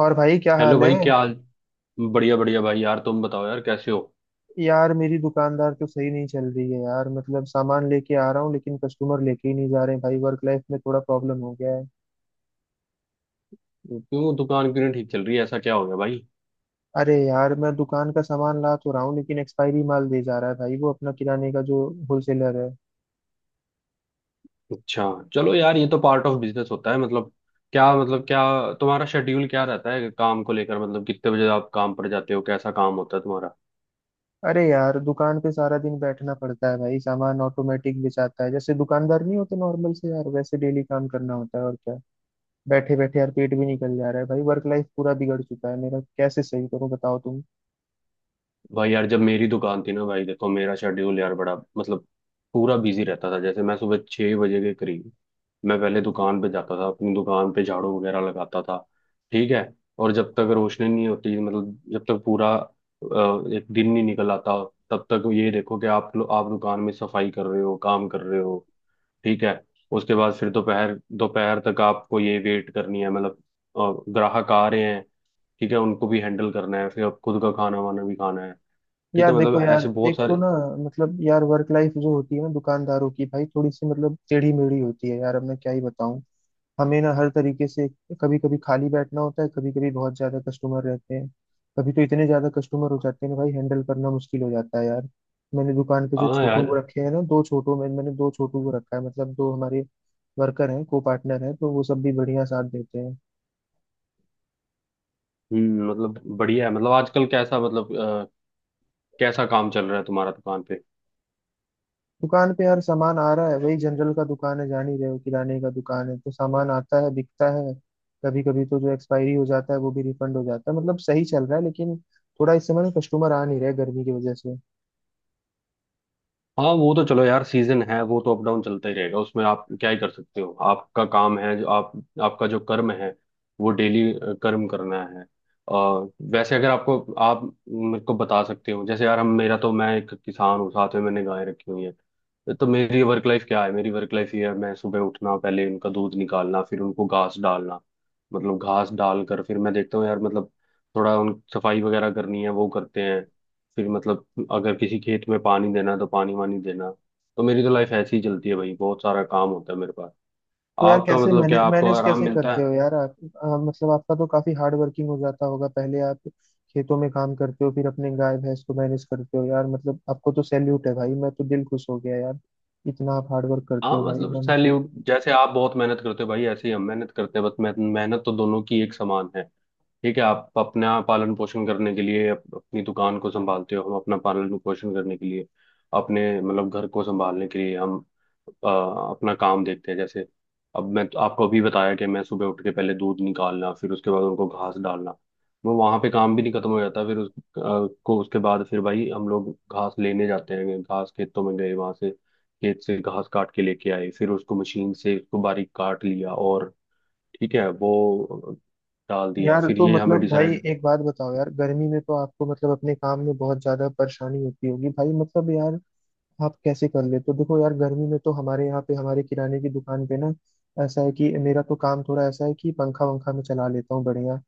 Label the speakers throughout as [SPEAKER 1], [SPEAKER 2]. [SPEAKER 1] और भाई क्या
[SPEAKER 2] हेलो
[SPEAKER 1] हाल है।
[SPEAKER 2] भाई क्या हाल। बढ़िया बढ़िया भाई यार तुम बताओ यार कैसे हो।
[SPEAKER 1] यार मेरी दुकानदार तो सही नहीं चल रही है यार, मतलब सामान लेके आ रहा हूँ लेकिन कस्टमर लेके ही नहीं जा रहे हैं भाई। वर्क लाइफ में थोड़ा प्रॉब्लम हो गया है।
[SPEAKER 2] क्यों दुकान क्यों नहीं ठीक चल रही है, ऐसा क्या हो गया भाई।
[SPEAKER 1] अरे यार, मैं दुकान का सामान ला तो रहा हूँ लेकिन एक्सपायरी माल दे जा रहा है भाई, वो अपना किराने का जो होलसेलर है।
[SPEAKER 2] अच्छा, चलो यार, ये तो पार्ट ऑफ बिजनेस होता है। मतलब क्या तुम्हारा शेड्यूल क्या रहता है काम को लेकर, मतलब कितने बजे आप काम पर जाते हो, कैसा काम होता है तुम्हारा।
[SPEAKER 1] अरे यार, दुकान पे सारा दिन बैठना पड़ता है भाई। सामान ऑटोमेटिक बेचाता है जैसे, दुकानदार नहीं होते नॉर्मल से यार, वैसे डेली काम करना होता है और क्या। बैठे बैठे यार पेट भी निकल जा रहा है भाई, वर्क लाइफ पूरा बिगड़ चुका है मेरा, कैसे सही करूँ बताओ तुम।
[SPEAKER 2] भाई यार जब मेरी दुकान थी ना भाई, देखो मेरा शेड्यूल यार बड़ा, मतलब पूरा बिजी रहता था। जैसे मैं सुबह 6 बजे के करीब मैं पहले दुकान पे जाता था, अपनी दुकान पे झाड़ू वगैरह लगाता था। ठीक है। और जब तक रोशनी नहीं होती, मतलब जब तक पूरा एक दिन नहीं निकल आता, तब तक ये देखो कि आप आप दुकान में सफाई कर रहे हो, काम कर रहे हो। ठीक है। उसके बाद फिर दोपहर दोपहर तक आपको ये वेट करनी है, मतलब ग्राहक आ रहे हैं। ठीक है, उनको भी हैंडल करना है, फिर अब खुद का खाना वाना भी खाना है। ठीक
[SPEAKER 1] यार
[SPEAKER 2] है, मतलब
[SPEAKER 1] देखो
[SPEAKER 2] ऐसे
[SPEAKER 1] यार,
[SPEAKER 2] बहुत
[SPEAKER 1] एक तो
[SPEAKER 2] सारे।
[SPEAKER 1] ना मतलब यार, वर्क लाइफ जो होती है ना दुकानदारों की भाई, थोड़ी सी मतलब टेढ़ी मेढ़ी होती है यार, अब मैं क्या ही बताऊं। हमें ना हर तरीके से कभी कभी खाली बैठना होता है, कभी कभी बहुत ज्यादा कस्टमर रहते हैं। कभी तो इतने ज्यादा कस्टमर हो जाते हैं ना भाई, हैंडल करना मुश्किल हो जाता है यार। मैंने दुकान पे जो
[SPEAKER 2] हाँ
[SPEAKER 1] छोटू को
[SPEAKER 2] यार।
[SPEAKER 1] रखे हैं ना, दो छोटू में, मैंने दो छोटू को रखा है, मतलब दो हमारे वर्कर हैं को पार्टनर हैं, तो वो सब भी बढ़िया साथ देते हैं।
[SPEAKER 2] हम्म, मतलब बढ़िया है। मतलब आजकल कैसा, मतलब कैसा काम चल रहा है तुम्हारा दुकान पे।
[SPEAKER 1] दुकान पे यार सामान आ रहा है, वही जनरल का दुकान है, जान ही रहे हो, किराने का दुकान है तो सामान आता है बिकता है। कभी कभी तो जो एक्सपायरी हो जाता है वो भी रिफंड हो जाता है, मतलब सही चल रहा है लेकिन थोड़ा इस समय कस्टमर आ नहीं रहे गर्मी की वजह से।
[SPEAKER 2] हाँ वो तो चलो यार, सीजन है, वो तो अप डाउन चलता ही रहेगा, उसमें आप क्या ही कर सकते हो। आपका काम है जो आप, आपका जो कर्म है वो डेली कर्म करना है। और वैसे अगर आपको, आप मेरे को बता सकते हो जैसे यार हम, मेरा तो, मैं एक किसान हूँ, साथ में मैंने गाय रखी हुई है। तो मेरी वर्क लाइफ क्या है, मेरी वर्क लाइफ ये है, मैं सुबह उठना, पहले उनका दूध निकालना, फिर उनको घास डालना, मतलब घास डाल कर फिर मैं देखता हूँ यार, मतलब थोड़ा उन सफाई वगैरह करनी है, वो करते हैं। फिर मतलब अगर किसी खेत में पानी देना है तो पानी वानी देना। तो मेरी तो लाइफ ऐसे ही चलती है भाई, बहुत सारा काम होता है मेरे पास।
[SPEAKER 1] तो यार
[SPEAKER 2] आपका
[SPEAKER 1] कैसे
[SPEAKER 2] मतलब क्या
[SPEAKER 1] मैनेज
[SPEAKER 2] आपको
[SPEAKER 1] मैनेज
[SPEAKER 2] आराम
[SPEAKER 1] कैसे
[SPEAKER 2] मिलता
[SPEAKER 1] करते हो
[SPEAKER 2] है।
[SPEAKER 1] यार आप। मतलब आपका तो काफी हार्ड वर्किंग हो जाता होगा, पहले आप खेतों में काम करते हो, फिर अपने गाय भैंस को मैनेज करते हो यार, मतलब आपको तो सैल्यूट है भाई, मैं तो दिल खुश हो गया यार, इतना आप हार्ड वर्क करते
[SPEAKER 2] हाँ
[SPEAKER 1] हो भाई
[SPEAKER 2] मतलब
[SPEAKER 1] एकदम।
[SPEAKER 2] सैल्यूट, जैसे आप बहुत मेहनत करते हो भाई, ऐसे ही हम मेहनत करते हैं, बस मेहनत, मेहनत तो दोनों की एक समान है। ठीक है, आप अपना पालन पोषण करने के लिए अपनी दुकान को संभालते हो, हम अपना पालन पोषण करने के लिए, अपने मतलब घर को संभालने के लिए हम अपना काम देखते हैं। जैसे अब मैं तो आपको अभी बताया कि मैं सुबह उठ के पहले दूध निकालना, फिर उसके बाद उनको घास डालना, वो वहां पे काम भी नहीं खत्म हो जाता। फिर उस को उसके बाद फिर भाई हम लोग घास लेने जाते हैं, घास खेतों में गए, वहां से खेत से घास काट के लेके आए, फिर उसको मशीन से उसको बारीक काट लिया और ठीक है, वो डाल दिया।
[SPEAKER 1] यार
[SPEAKER 2] फिर
[SPEAKER 1] तो
[SPEAKER 2] ये हमें
[SPEAKER 1] मतलब भाई
[SPEAKER 2] डिसाइड,
[SPEAKER 1] एक बात बताओ यार, गर्मी में तो आपको मतलब अपने काम में बहुत ज्यादा परेशानी होती होगी भाई, मतलब यार आप कैसे कर लेते हो। देखो यार गर्मी में तो हमारे यहाँ पे, हमारे किराने की दुकान पे ना, ऐसा है कि मेरा तो काम थोड़ा ऐसा है कि पंखा वंखा में चला लेता हूँ बढ़िया।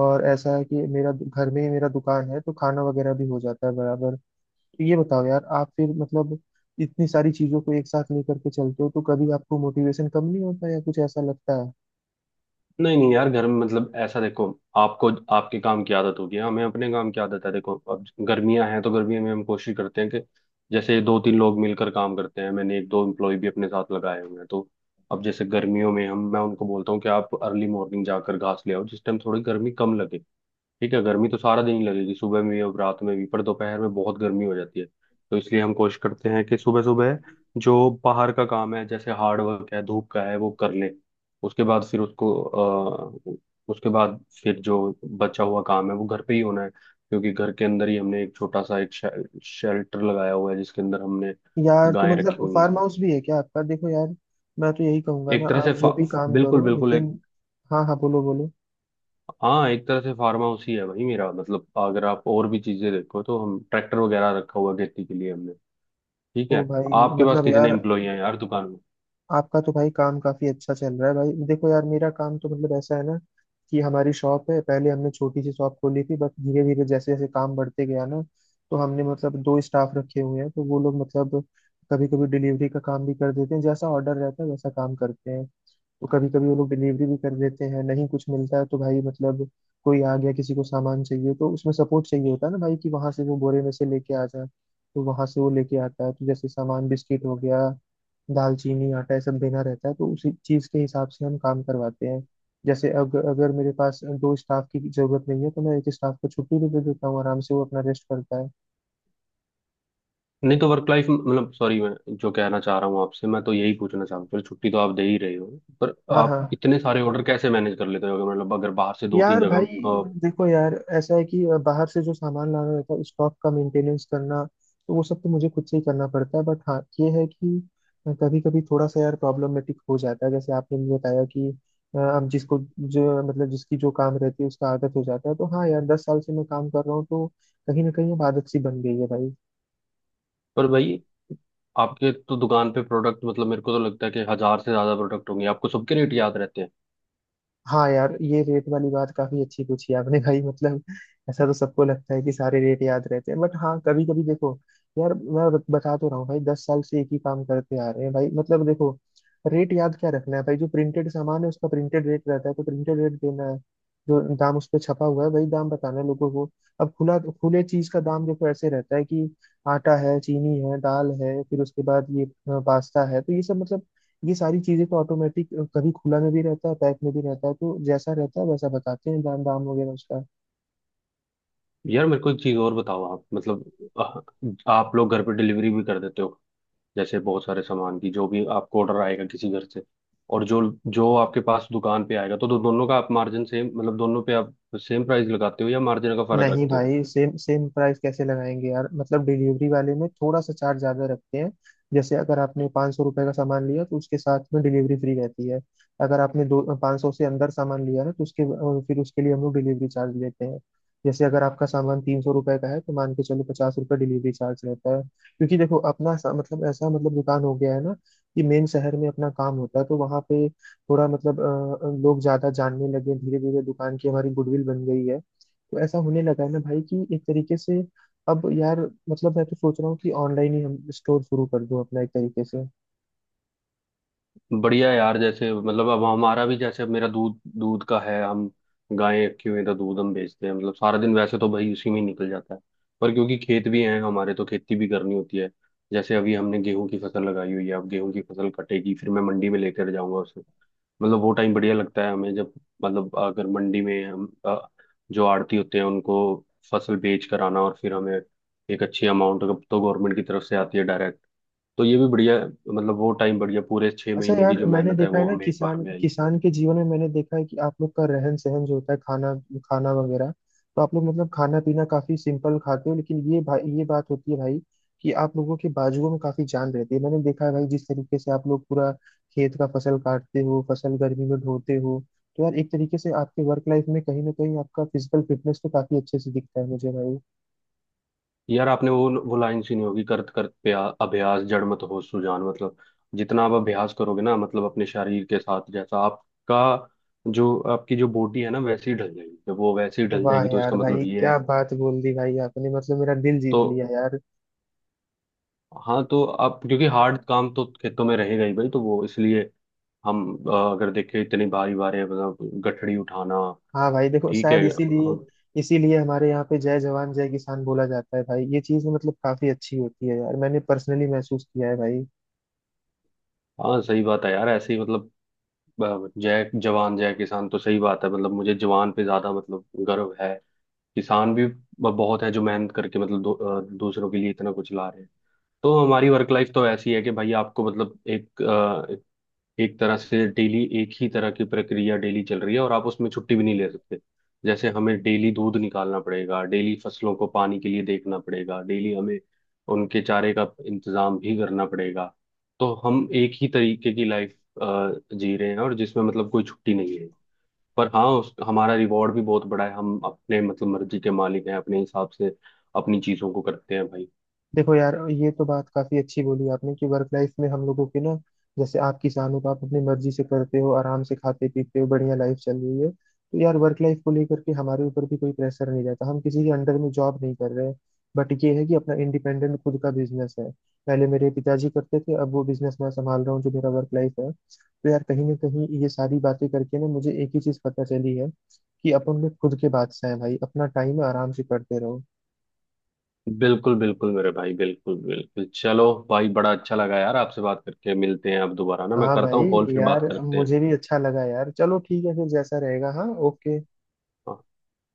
[SPEAKER 1] और ऐसा है कि घर में ही मेरा दुकान है तो खाना वगैरह भी हो जाता है बराबर। तो ये बताओ यार आप, फिर मतलब इतनी सारी चीजों को एक साथ लेकर के चलते हो तो कभी आपको मोटिवेशन कम नहीं होता या कुछ ऐसा लगता है।
[SPEAKER 2] नहीं नहीं यार, घर में मतलब ऐसा देखो, आपको आपके काम की आदत होगी, हमें अपने काम की आदत है। देखो अब गर्मियां हैं, तो गर्मियों में हम कोशिश करते हैं कि जैसे दो तीन लोग मिलकर काम करते हैं, मैंने एक दो एम्प्लॉय भी अपने साथ लगाए हुए हैं। तो अब जैसे गर्मियों में हम मैं उनको बोलता हूँ कि आप अर्ली मॉर्निंग जाकर घास ले आओ, जिस टाइम थोड़ी गर्मी कम लगे। ठीक है, गर्मी तो सारा दिन ही लगेगी, सुबह में भी और रात में भी, पर दोपहर में बहुत गर्मी हो जाती है, तो इसलिए हम कोशिश करते हैं कि सुबह सुबह जो बाहर का काम है, जैसे हार्ड वर्क है, धूप का है, वो कर लें। उसके बाद फिर उसको उसके बाद फिर जो बचा हुआ काम है वो घर पे ही होना है, क्योंकि घर के अंदर ही हमने एक छोटा सा एक शेल्टर लगाया हुआ है, जिसके अंदर हमने
[SPEAKER 1] यार तो
[SPEAKER 2] गायें रखी
[SPEAKER 1] मतलब
[SPEAKER 2] हुई हैं।
[SPEAKER 1] फार्म हाउस भी है क्या आपका। देखो यार, मैं तो यही कहूंगा
[SPEAKER 2] एक
[SPEAKER 1] ना,
[SPEAKER 2] तरह
[SPEAKER 1] आप
[SPEAKER 2] से
[SPEAKER 1] जो भी काम
[SPEAKER 2] बिल्कुल
[SPEAKER 1] करो
[SPEAKER 2] बिल्कुल
[SPEAKER 1] लेकिन,
[SPEAKER 2] एक,
[SPEAKER 1] हाँ हाँ बोलो बोलो।
[SPEAKER 2] हाँ एक तरह से फार्म हाउस ही है भाई मेरा। मतलब अगर आप और भी चीजें देखो तो हम ट्रैक्टर वगैरह रखा हुआ है खेती के लिए हमने। ठीक
[SPEAKER 1] ओ
[SPEAKER 2] है,
[SPEAKER 1] भाई,
[SPEAKER 2] आपके पास
[SPEAKER 1] मतलब
[SPEAKER 2] कितने
[SPEAKER 1] यार
[SPEAKER 2] एम्प्लॉई हैं यार दुकान में।
[SPEAKER 1] आपका तो भाई काम काफी अच्छा चल रहा है भाई। देखो यार, मेरा काम तो मतलब ऐसा है ना कि हमारी शॉप है। पहले हमने छोटी सी शॉप खोली थी बट धीरे धीरे, जैसे जैसे काम बढ़ते गया ना, तो हमने मतलब दो स्टाफ रखे हुए हैं, तो वो लोग मतलब कभी कभी डिलीवरी का काम भी कर देते हैं, जैसा ऑर्डर रहता है वैसा काम करते हैं। तो कभी कभी वो लोग डिलीवरी भी कर देते हैं, नहीं कुछ मिलता है तो भाई मतलब, कोई आ गया किसी को सामान चाहिए तो उसमें सपोर्ट चाहिए होता है ना भाई, कि वहां से वो बोरे में से लेके आ जाए। तो वहां से वो लेके आता है, तो जैसे सामान बिस्किट हो गया, दालचीनी, आटा, ये सब देना रहता है, तो उसी चीज के हिसाब से हम काम करवाते हैं। जैसे अगर अगर मेरे पास दो स्टाफ की जरूरत नहीं है तो मैं एक स्टाफ को छुट्टी भी दे देता हूँ, आराम से वो अपना रेस्ट करता है।
[SPEAKER 2] नहीं तो वर्क लाइफ मतलब, सॉरी मैं जो कहना चाह रहा हूँ आपसे, मैं तो यही पूछना चाह रहा हूँ। चलो छुट्टी तो आप दे ही रहे हो, पर
[SPEAKER 1] हाँ
[SPEAKER 2] आप
[SPEAKER 1] हाँ।
[SPEAKER 2] इतने सारे ऑर्डर कैसे मैनेज कर लेते हो, अगर मतलब अगर बाहर से दो तीन
[SPEAKER 1] यार भाई
[SPEAKER 2] जगह
[SPEAKER 1] देखो यार, ऐसा है कि बाहर से जो सामान लाना रहता है, स्टॉक का मेंटेनेंस करना, तो वो सब तो मुझे खुद से ही करना पड़ता है। बट हाँ, ये है कि कभी कभी थोड़ा सा यार प्रॉब्लमेटिक हो जाता है, जैसे आपने भी बताया कि अब जिसको जो मतलब जिसकी जो काम रहती है उसका आदत हो जाता है। तो हाँ यार, 10 साल से मैं काम कर रहा हूँ, तो कहीं ना कहीं अब आदत सी बन गई है भाई।
[SPEAKER 2] पर भाई आपके तो दुकान पे प्रोडक्ट, मतलब मेरे को तो लगता है कि हजार से ज्यादा प्रोडक्ट होंगे, आपको सबके रेट याद रहते हैं।
[SPEAKER 1] हाँ यार, ये रेट वाली बात काफी अच्छी पूछी आपने भाई, मतलब ऐसा तो सबको लगता है कि सारे रेट याद रहते हैं, बट हाँ कभी कभी देखो यार, बता तो रहा हूँ भाई, दस साल से एक ही काम करते आ रहे हैं भाई, मतलब देखो, रेट याद क्या रखना है भाई, जो प्रिंटेड सामान है उसका प्रिंटेड रेट रहता है तो प्रिंटेड रेट देना है, जो दाम उस पर छपा हुआ है वही दाम बताना है लोगों को। अब खुला, खुले चीज का दाम देखो ऐसे रहता है कि आटा है, चीनी है, दाल है, फिर उसके बाद ये पास्ता है, तो ये सब मतलब ये सारी चीजें तो ऑटोमेटिक, कभी खुला में भी रहता है पैक में भी रहता है, तो जैसा रहता है वैसा बताते हैं दाम, दाम वगैरह उसका।
[SPEAKER 2] यार मेरे को एक चीज और बताओ आप, मतलब आप लोग घर पे डिलीवरी भी कर देते हो। जैसे बहुत सारे सामान की जो भी आपको ऑर्डर आएगा किसी घर से, और जो, जो आपके पास दुकान पे आएगा, तो दोनों का आप मार्जिन सेम, मतलब दोनों पे आप सेम प्राइस लगाते हो या मार्जिन का फर्क
[SPEAKER 1] नहीं
[SPEAKER 2] रखते हो।
[SPEAKER 1] भाई सेम सेम प्राइस कैसे लगाएंगे यार, मतलब डिलीवरी वाले में थोड़ा सा चार्ज ज्यादा रखते हैं। जैसे अगर आपने 500 सौ रुपये का सामान लिया तो उसके साथ में डिलीवरी फ्री रहती है। अगर आपने दो 500 सौ से अंदर सामान लिया ना, तो उसके फिर उसके लिए हम लोग डिलीवरी चार्ज लेते हैं। जैसे अगर आपका सामान 300 रुपये का है तो मान के चलो 50 रुपये डिलीवरी चार्ज रहता है, क्योंकि देखो मतलब ऐसा मतलब दुकान हो गया है ना कि मेन शहर में अपना काम होता है, तो वहाँ पे थोड़ा मतलब लोग ज्यादा जानने लगे, धीरे धीरे दुकान की हमारी गुडविल बन गई है। तो ऐसा होने लगा है ना भाई, कि एक तरीके से अब यार मतलब मैं तो सोच रहा हूँ कि ऑनलाइन ही हम स्टोर शुरू कर दूं अपना एक तरीके से।
[SPEAKER 2] बढ़िया यार, जैसे मतलब अब हमारा भी, जैसे अब मेरा दूध दूध का है, हम गायें रखी हुई हैं, तो दूध हम बेचते हैं। मतलब सारा दिन वैसे तो भाई उसी में ही निकल जाता है, पर क्योंकि खेत भी हैं हमारे तो खेती भी करनी होती है। जैसे अभी हमने गेहूं की फसल लगाई हुई है, अब गेहूं की फसल कटेगी, फिर मैं मंडी में लेकर जाऊंगा उसे। मतलब वो टाइम बढ़िया लगता है हमें जब, मतलब अगर मंडी में हम जो आड़ती होते हैं उनको फसल बेच कर आना, और फिर हमें एक अच्छी अमाउंट तो गवर्नमेंट की तरफ से आती है डायरेक्ट, तो ये भी बढ़िया। मतलब वो टाइम बढ़िया, पूरे छह
[SPEAKER 1] अच्छा
[SPEAKER 2] महीने की
[SPEAKER 1] यार,
[SPEAKER 2] जो
[SPEAKER 1] मैंने
[SPEAKER 2] मेहनत है
[SPEAKER 1] देखा है
[SPEAKER 2] वो
[SPEAKER 1] ना,
[SPEAKER 2] हमें एक बार
[SPEAKER 1] किसान,
[SPEAKER 2] में आई।
[SPEAKER 1] किसान के जीवन में मैंने देखा है कि आप लोग का रहन सहन जो होता है, खाना खाना वगैरह, तो आप लोग मतलब खाना पीना काफी सिंपल खाते हो, लेकिन ये भाई ये बात होती है भाई कि आप लोगों के बाजुओं में काफी जान रहती है। मैंने देखा है भाई जिस तरीके से आप लोग पूरा खेत का फसल काटते हो, फसल गर्मी में ढोते हो, तो यार एक तरीके से आपके वर्क लाइफ में कहीं ना कहीं आपका फिजिकल फिटनेस तो काफी अच्छे से दिखता है मुझे भाई।
[SPEAKER 2] यार आपने वो लाइन सुनी होगी, करत करत अभ्यास जड़ मत हो सुजान। मतलब जितना आप अभ्यास करोगे ना, मतलब अपने शरीर के साथ, जैसा आपका, जो आपकी जो बॉडी है ना वैसे ही ढल जाएगी, जब वो वैसे ही ढल
[SPEAKER 1] वाह
[SPEAKER 2] जाएगी तो
[SPEAKER 1] यार
[SPEAKER 2] इसका
[SPEAKER 1] भाई
[SPEAKER 2] मतलब ये
[SPEAKER 1] क्या
[SPEAKER 2] है
[SPEAKER 1] बात बोल दी भाई आपने, मतलब मेरा दिल
[SPEAKER 2] तो,
[SPEAKER 1] जीत लिया यार।
[SPEAKER 2] हाँ तो आप क्योंकि हार्ड काम तो खेतों में रहेगा ही भाई, तो वो इसलिए हम अगर देखें, इतनी भारी भारी मतलब गठड़ी उठाना।
[SPEAKER 1] हाँ भाई देखो,
[SPEAKER 2] ठीक है।
[SPEAKER 1] शायद इसीलिए इसीलिए हमारे यहाँ पे जय जवान जय किसान बोला जाता है भाई। ये चीज मतलब काफी अच्छी होती है यार, मैंने पर्सनली महसूस किया है भाई।
[SPEAKER 2] हाँ सही बात है यार, ऐसे ही मतलब जय जवान जय किसान तो सही बात है। मतलब मुझे जवान पे ज्यादा मतलब गर्व है, किसान भी बहुत है जो मेहनत करके, मतलब दूसरों के लिए इतना कुछ ला रहे हैं। तो हमारी वर्क लाइफ तो ऐसी है कि भाई, आपको मतलब एक एक तरह से डेली एक ही तरह की प्रक्रिया डेली चल रही है और आप उसमें छुट्टी भी नहीं ले सकते। जैसे हमें डेली दूध निकालना पड़ेगा, डेली फसलों को पानी के लिए देखना पड़ेगा, डेली हमें उनके चारे का इंतजाम भी करना पड़ेगा। तो हम एक ही तरीके की लाइफ जी रहे हैं, और जिसमें मतलब कोई छुट्टी नहीं है। पर हाँ हमारा रिवॉर्ड भी बहुत बड़ा है, हम अपने मतलब मर्जी के मालिक हैं, अपने हिसाब से अपनी चीजों को करते हैं भाई।
[SPEAKER 1] देखो यार, ये तो बात काफी अच्छी बोली आपने, कि वर्क लाइफ में हम लोगों की ना, जैसे आप किसान हो तो आप अपनी मर्जी से करते हो, आराम से खाते पीते हो, बढ़िया लाइफ चल रही है, तो यार वर्क लाइफ को लेकर के हमारे ऊपर भी कोई प्रेशर नहीं रहता, हम किसी के अंडर में जॉब नहीं कर रहे हैं। बट ये है कि अपना इंडिपेंडेंट खुद का बिजनेस है। पहले मेरे पिताजी करते थे, अब वो बिजनेस मैं संभाल रहा हूँ जो मेरा वर्क लाइफ है। तो यार, कहीं ना कहीं ये सारी बातें करके ना मुझे एक ही चीज पता चली है, कि अपन में खुद के बादशाह हैं भाई, अपना टाइम आराम से करते रहो।
[SPEAKER 2] बिल्कुल बिल्कुल मेरे भाई, बिल्कुल बिल्कुल। चलो भाई, बड़ा अच्छा लगा यार आपसे बात करके, मिलते हैं आप दोबारा ना, मैं
[SPEAKER 1] हाँ
[SPEAKER 2] करता
[SPEAKER 1] भाई।
[SPEAKER 2] हूँ कॉल, फिर बात
[SPEAKER 1] यार
[SPEAKER 2] करते हैं।
[SPEAKER 1] मुझे भी अच्छा लगा यार, चलो ठीक है फिर, जैसा रहेगा। हाँ, ओके,
[SPEAKER 2] हाँ,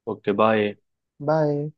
[SPEAKER 2] ओके बाय।
[SPEAKER 1] बाय।